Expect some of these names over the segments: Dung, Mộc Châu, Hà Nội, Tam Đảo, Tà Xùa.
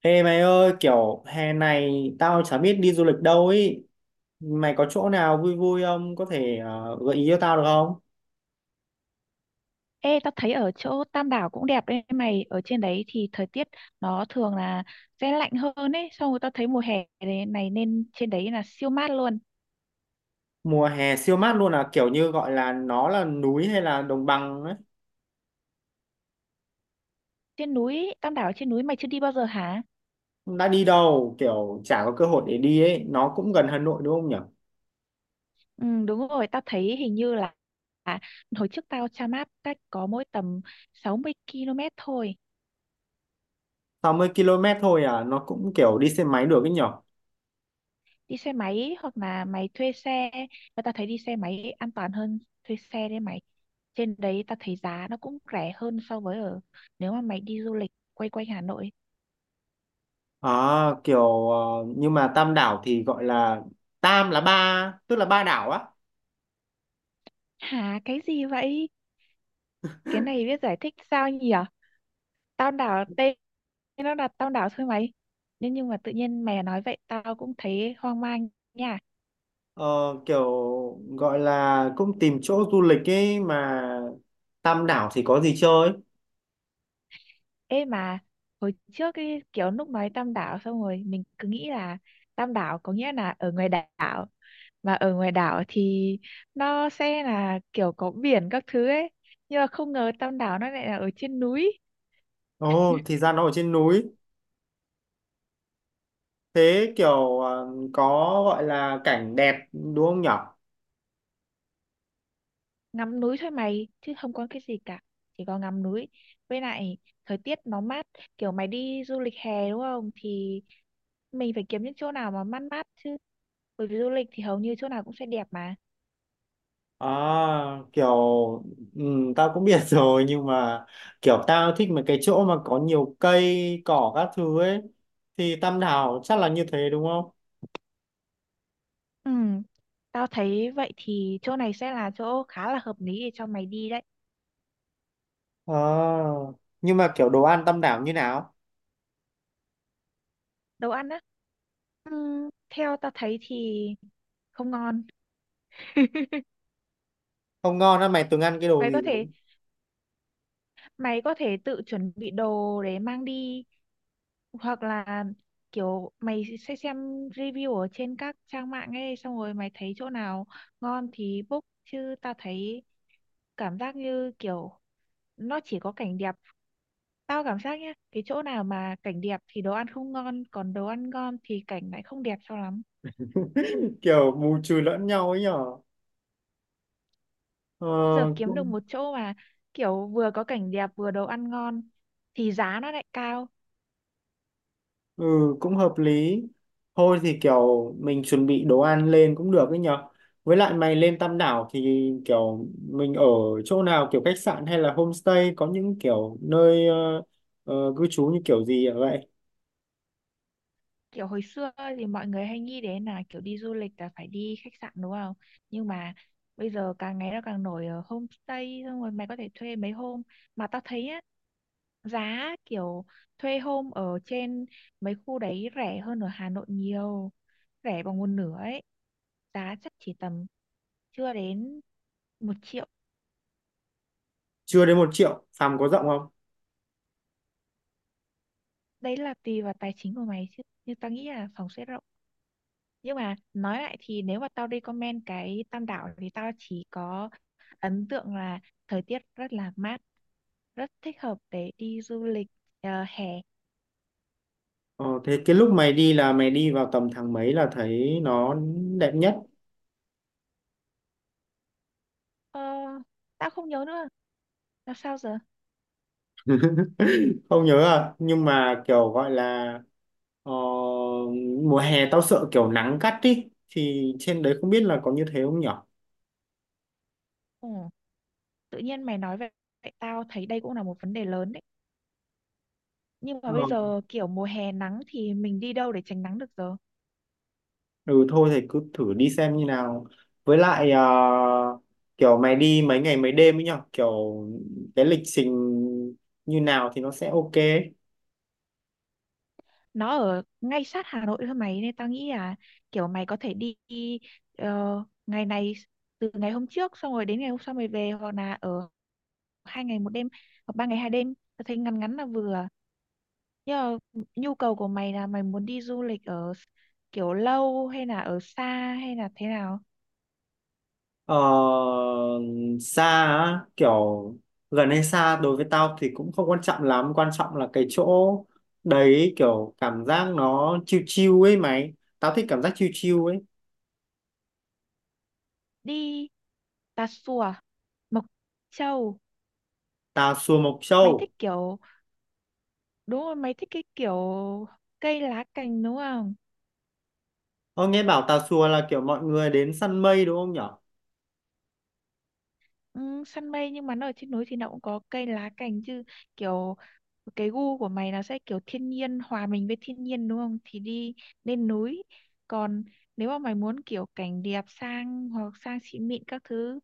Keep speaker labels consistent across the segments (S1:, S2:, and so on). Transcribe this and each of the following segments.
S1: Ê mày ơi, kiểu hè này tao chả biết đi du lịch đâu ấy. Mày có chỗ nào vui vui không? Có thể gợi ý cho tao được không?
S2: Ê, tao thấy ở chỗ Tam Đảo cũng đẹp đấy mày. Ở trên đấy thì thời tiết nó thường là sẽ lạnh hơn ấy. Xong rồi tao thấy mùa hè này nên trên đấy là siêu mát luôn.
S1: Mùa hè siêu mát luôn à, kiểu như gọi là nó là núi hay là đồng bằng ấy.
S2: Trên núi, Tam Đảo trên núi mày chưa đi bao giờ hả?
S1: Đã đi đâu, kiểu chả có cơ hội để đi ấy. Nó cũng gần Hà Nội đúng không nhỉ?
S2: Ừ, đúng rồi, tao thấy hình như là à, hồi trước tao tra map cách có mỗi tầm 60 km thôi.
S1: 60 km thôi à, nó cũng kiểu đi xe máy được ấy nhỉ?
S2: Đi xe máy hoặc là mày thuê xe. Và tao thấy đi xe máy an toàn hơn thuê xe đấy mày. Trên đấy tao thấy giá nó cũng rẻ hơn so với ở nếu mà mày đi du lịch quay quanh Hà Nội.
S1: À, kiểu ờ, nhưng mà Tam Đảo thì gọi là Tam là ba, tức là ba đảo á.
S2: Hả, cái gì vậy? Cái này biết giải thích sao nhỉ? Tao đảo tên nó là tao đảo thôi mày. Nhưng mà tự nhiên mày nói vậy tao cũng thấy hoang mang nha.
S1: Ờ, kiểu gọi là cũng tìm chỗ du lịch ấy mà Tam đảo thì có gì chơi?
S2: Ê mà hồi trước cái kiểu lúc nói tam đảo xong rồi mình cứ nghĩ là tam đảo có nghĩa là ở ngoài đảo, mà ở ngoài đảo thì nó sẽ là kiểu có biển các thứ ấy. Nhưng mà không ngờ tam đảo nó lại là ở trên núi.
S1: Ồ, thì ra nó ở trên núi. Thế có gọi là cảnh đẹp đúng không nhở?
S2: Ngắm núi thôi mày chứ không có cái gì cả, chỉ có ngắm núi, với lại thời tiết nó mát. Kiểu mày đi du lịch hè đúng không thì mình phải kiếm những chỗ nào mà mát mát chứ, bởi vì du lịch thì hầu như chỗ nào cũng sẽ đẹp mà.
S1: À, kiểu ừ, tao cũng biết rồi nhưng mà kiểu tao thích mấy cái chỗ mà có nhiều cây cỏ các thứ ấy thì Tam đảo chắc là như thế đúng không?
S2: Ừ, tao thấy vậy thì chỗ này sẽ là chỗ khá là hợp lý để cho mày đi đấy.
S1: À nhưng mà kiểu đồ ăn Tam đảo như nào?
S2: Đồ ăn á, theo tao thấy thì không ngon.
S1: Không ngon á, mày từng ăn cái đồ
S2: mày
S1: gì
S2: có thể
S1: rồi?
S2: mày có thể tự chuẩn bị đồ để mang đi, hoặc là kiểu mày sẽ xem review ở trên các trang mạng ấy, xong rồi mày thấy chỗ nào ngon thì book. Chứ tao thấy cảm giác như kiểu nó chỉ có cảnh đẹp. Tao cảm giác nhá, cái chỗ nào mà cảnh đẹp thì đồ ăn không ngon, còn đồ ăn ngon thì cảnh lại không đẹp cho lắm.
S1: Kiểu bù trừ lẫn nhau ấy nhở. ờ,
S2: Bây giờ kiếm được
S1: cũng
S2: một chỗ mà kiểu vừa có cảnh đẹp vừa đồ ăn ngon thì giá nó lại cao.
S1: ừ Cũng hợp lý. Thôi thì kiểu mình chuẩn bị đồ ăn lên cũng được ấy nhở, với lại mày lên Tam Đảo thì kiểu mình ở chỗ nào, kiểu khách sạn hay là homestay, có những kiểu nơi cư trú như kiểu gì vậy?
S2: Kiểu hồi xưa thì mọi người hay nghĩ đến là kiểu đi du lịch là phải đi khách sạn đúng không, nhưng mà bây giờ càng ngày nó càng nổi ở homestay, xong rồi mày có thể thuê mấy hôm. Mà tao thấy á, giá kiểu thuê hôm ở trên mấy khu đấy rẻ hơn ở Hà Nội nhiều, rẻ bằng một nửa ấy. Giá chắc chỉ tầm chưa đến 1 triệu.
S1: Chưa đến 1 triệu, phòng có rộng không?
S2: Đấy là tùy vào tài chính của mày chứ, nhưng tao nghĩ là phòng sẽ rộng. Nhưng mà nói lại thì nếu mà tao recommend cái Tam Đảo thì tao chỉ có ấn tượng là thời tiết rất là mát, rất thích hợp để đi du lịch hè.
S1: Ờ, Thế cái lúc mày đi là mày đi vào tầm tháng mấy là thấy nó đẹp nhất?
S2: ờ, Tao không nhớ nữa là sao giờ.
S1: Không nhớ à? Nhưng mà kiểu gọi là ờ, mùa hè tao sợ kiểu nắng gắt ý thì trên đấy không biết là có như thế không nhở.
S2: Ừ. Tự nhiên mày nói vậy, vậy tao thấy đây cũng là một vấn đề lớn đấy. Nhưng mà
S1: Ờ.
S2: bây giờ kiểu mùa hè nắng thì mình đi đâu để tránh nắng được giờ.
S1: Ừ thôi thì cứ thử đi xem như nào, với lại kiểu mày đi mấy ngày mấy đêm ấy nhở, kiểu cái lịch trình như nào thì nó sẽ ok.
S2: Nó ở ngay sát Hà Nội thôi mày, nên tao nghĩ là kiểu mày có thể đi ờ, ngày này, từ ngày hôm trước xong rồi đến ngày hôm sau mày về, hoặc là ở 2 ngày 1 đêm, hoặc 3 ngày 2 đêm. Tao thấy ngắn ngắn là vừa. Nhưng mà nhu cầu của mày là mày muốn đi du lịch ở kiểu lâu, hay là ở xa, hay là thế nào?
S1: Ờ, Xa á, kiểu gần hay xa đối với tao thì cũng không quan trọng lắm, quan trọng là cái chỗ đấy kiểu cảm giác nó chill chill ấy mày, tao thích cảm giác chill chill ấy.
S2: Đi Tà Xùa, Mộc Châu.
S1: Tà Xùa, Mộc
S2: Mày
S1: Châu.
S2: thích kiểu, đúng rồi, mày thích cái kiểu cây lá cành đúng không?
S1: Ơ nghe bảo Tà Xùa là kiểu mọi người đến săn mây đúng không nhở?
S2: Ừ, săn mây, nhưng mà nó ở trên núi thì nó cũng có cây lá cành chứ. Kiểu cái gu của mày nó sẽ kiểu thiên nhiên, hòa mình với thiên nhiên đúng không, thì đi lên núi. Còn nếu mà mày muốn kiểu cảnh đẹp sang, hoặc sang xịn mịn các thứ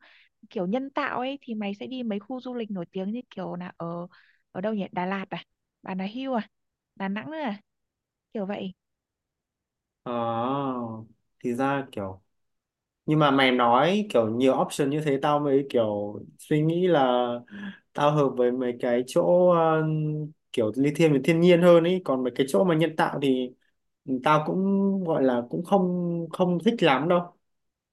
S2: kiểu nhân tạo ấy, thì mày sẽ đi mấy khu du lịch nổi tiếng như kiểu là ở ở đâu nhỉ, Đà Lạt à, Bà Nà Hưu à, Đà Nẵng nữa à, kiểu vậy.
S1: Ờ thì ra kiểu, nhưng mà mày nói kiểu nhiều option như thế tao mới kiểu suy nghĩ là tao hợp với mấy cái chỗ kiểu lithium với thiên nhiên hơn ấy, còn mấy cái chỗ mà nhân tạo thì tao cũng gọi là cũng không không thích lắm đâu,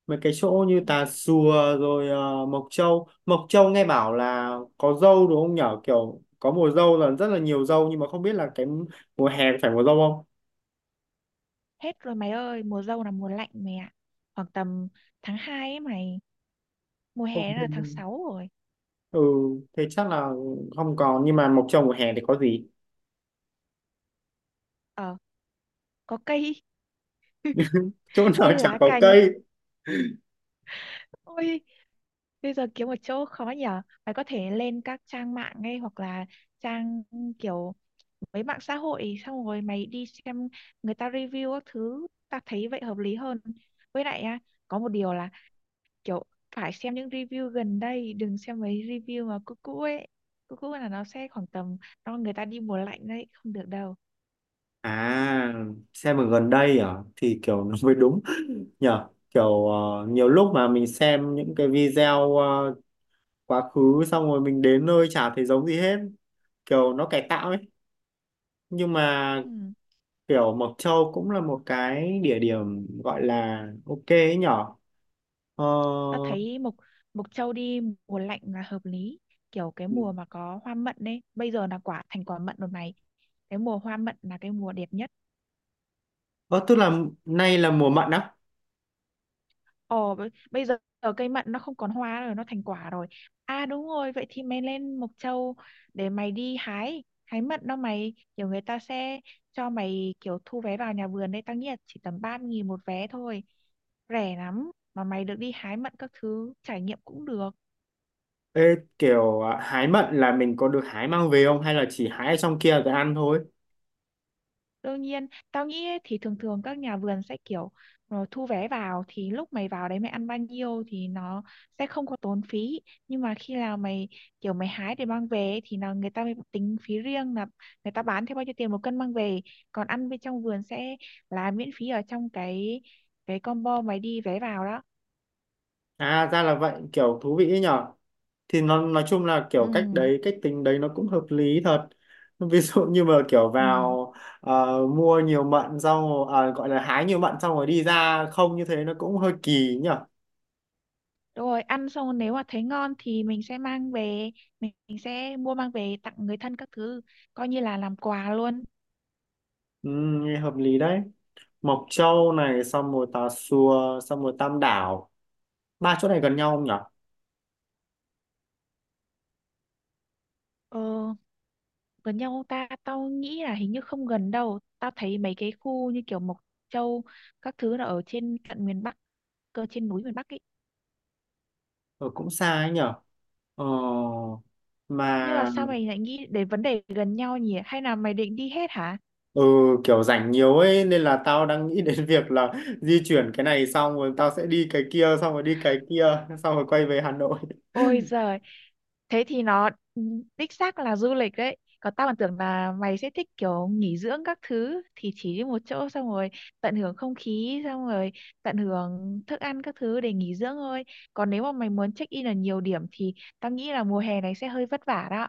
S1: mấy cái chỗ như
S2: Ừ,
S1: Tà Xùa rồi Mộc Châu. Mộc Châu nghe bảo là có dâu đúng không nhở, kiểu có mùa dâu là rất là nhiều dâu, nhưng mà không biết là cái mùa hè phải mùa dâu không.
S2: hết rồi mày ơi, mùa dâu là mùa lạnh mày ạ, khoảng tầm tháng 2 ấy mày. Mùa
S1: Không,
S2: hè là tháng 6 rồi.
S1: ừ thế chắc là không còn, nhưng mà Mộc Châu mùa hè thì có gì?
S2: Ờ, có cây.
S1: Chỗ nào
S2: Cây
S1: chẳng
S2: lá
S1: có
S2: cành.
S1: cây.
S2: Ôi, bây giờ kiếm một chỗ khó nhở, phải có thể lên các trang mạng ngay, hoặc là trang kiểu mấy mạng xã hội, xong rồi mày đi xem người ta review các thứ. Ta thấy vậy hợp lý hơn. Với lại á, có một điều là kiểu phải xem những review gần đây, đừng xem mấy review mà cũ cũ ấy. Cũ cũ là nó sẽ khoảng tầm nó người ta đi mùa lạnh đấy, không được đâu.
S1: À xem ở gần đây à, thì kiểu nó mới đúng nhở, kiểu nhiều lúc mà mình xem những cái video quá khứ xong rồi mình đến nơi chả thấy giống gì hết, kiểu nó cải tạo ấy. Nhưng mà
S2: Ừ.
S1: kiểu Mộc Châu cũng là một cái địa điểm gọi là ok ấy nhở. ờ,
S2: Ta thấy mộc mộc châu đi mùa lạnh là hợp lý, kiểu cái mùa mà có hoa mận ấy. Bây giờ là quả, thành quả mận rồi này. Cái mùa hoa mận là cái mùa đẹp nhất.
S1: ờ Tức là nay là mùa mận á?
S2: Ồ, bây bây giờ ở cây mận nó không còn hoa rồi, nó thành quả rồi. À đúng rồi, vậy thì mày lên Mộc Châu để mày đi hái hái mận đó mày. Kiểu người ta sẽ cho mày kiểu thu vé vào nhà vườn đấy. Tao nghĩ là chỉ tầm 3.000 một vé thôi, rẻ lắm, mà mày được đi hái mận các thứ, trải nghiệm cũng được.
S1: Ê, hái mận là mình có được hái mang về không hay là chỉ hái ở trong kia rồi ăn thôi?
S2: Đương nhiên, tao nghĩ ấy, thì thường thường các nhà vườn sẽ kiểu thu vé vào, thì lúc mày vào đấy mày ăn bao nhiêu thì nó sẽ không có tốn phí. Nhưng mà khi nào mày kiểu mày hái để mang về ấy, thì là người ta mới tính phí riêng, là người ta bán theo bao nhiêu tiền một cân mang về. Còn ăn bên trong vườn sẽ là miễn phí ở trong cái combo mày đi vé vào đó.
S1: À ra là vậy, kiểu thú vị ấy nhở, thì nó nói chung là
S2: Ừ,
S1: kiểu cách đấy, cách tính đấy nó cũng hợp lý thật. Ví dụ như mà kiểu
S2: ừ.
S1: vào mua nhiều mận xong rồi- gọi là hái nhiều mận xong rồi đi ra không, như thế nó cũng hơi kỳ nhở.
S2: Đúng rồi, ăn xong nếu mà thấy ngon thì mình sẽ mang về, mình sẽ mua mang về tặng người thân các thứ, coi như là làm quà luôn.
S1: Ừ, nghe hợp lý đấy. Mộc Châu này xong rồi Tà Xùa xong rồi Tam Đảo, ba chỗ này gần nhau không nhở?
S2: Ừ. Gần nhau không ta? Tao nghĩ là hình như không gần đâu. Tao thấy mấy cái khu như kiểu Mộc Châu các thứ là ở trên tận miền Bắc cơ, trên núi miền Bắc ấy.
S1: Ừ, cũng xa ấy nhở. Ờ,
S2: Nhưng mà
S1: mà
S2: sao mày lại nghĩ đến vấn đề gần nhau nhỉ, hay là mày định đi hết hả?
S1: Ừ, kiểu rảnh nhiều ấy nên là tao đang nghĩ đến việc là di chuyển cái này xong rồi tao sẽ đi cái kia xong rồi đi cái kia xong rồi quay về Hà Nội.
S2: Ôi giời, thế thì nó ừ, đích xác là du lịch đấy. Còn tao còn tưởng là mày sẽ thích kiểu nghỉ dưỡng các thứ, thì chỉ đi một chỗ xong rồi tận hưởng không khí, xong rồi tận hưởng thức ăn các thứ để nghỉ dưỡng thôi. Còn nếu mà mày muốn check in ở nhiều điểm thì tao nghĩ là mùa hè này sẽ hơi vất vả đó.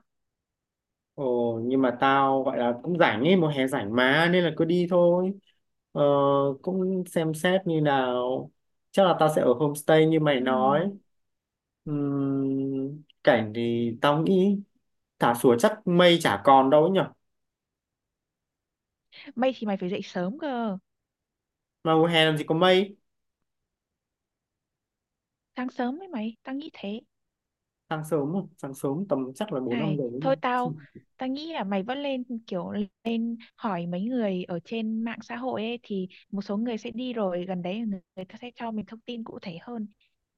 S1: Ồ, nhưng mà tao gọi là cũng rảnh ấy, mùa hè rảnh mà nên là cứ đi thôi. Ờ, cũng xem xét như nào. Chắc là tao sẽ ở homestay như mày
S2: Ừ.
S1: nói. Cảnh thì tao nghĩ thả sủa chắc mây chả còn đâu ấy nhở.
S2: Mày thì mày phải dậy sớm cơ.
S1: Mà mùa hè làm gì có mây,
S2: Sáng sớm ấy mày, tao nghĩ thế.
S1: sáng sớm, mà, sáng sớm tầm chắc là 4 5
S2: Này,
S1: giờ ấy nhở.
S2: thôi tao, tao nghĩ là mày vẫn lên kiểu lên hỏi mấy người ở trên mạng xã hội ấy, thì một số người sẽ đi rồi gần đấy, người ta sẽ cho mình thông tin cụ thể hơn.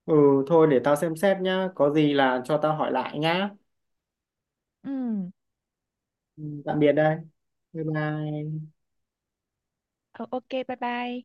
S1: Ừ thôi để tao xem xét nhá, có gì là cho tao hỏi lại nhá.
S2: Ừ.
S1: Ừ, tạm biệt đây. Bye bye.
S2: Ờ, ok, bye bye.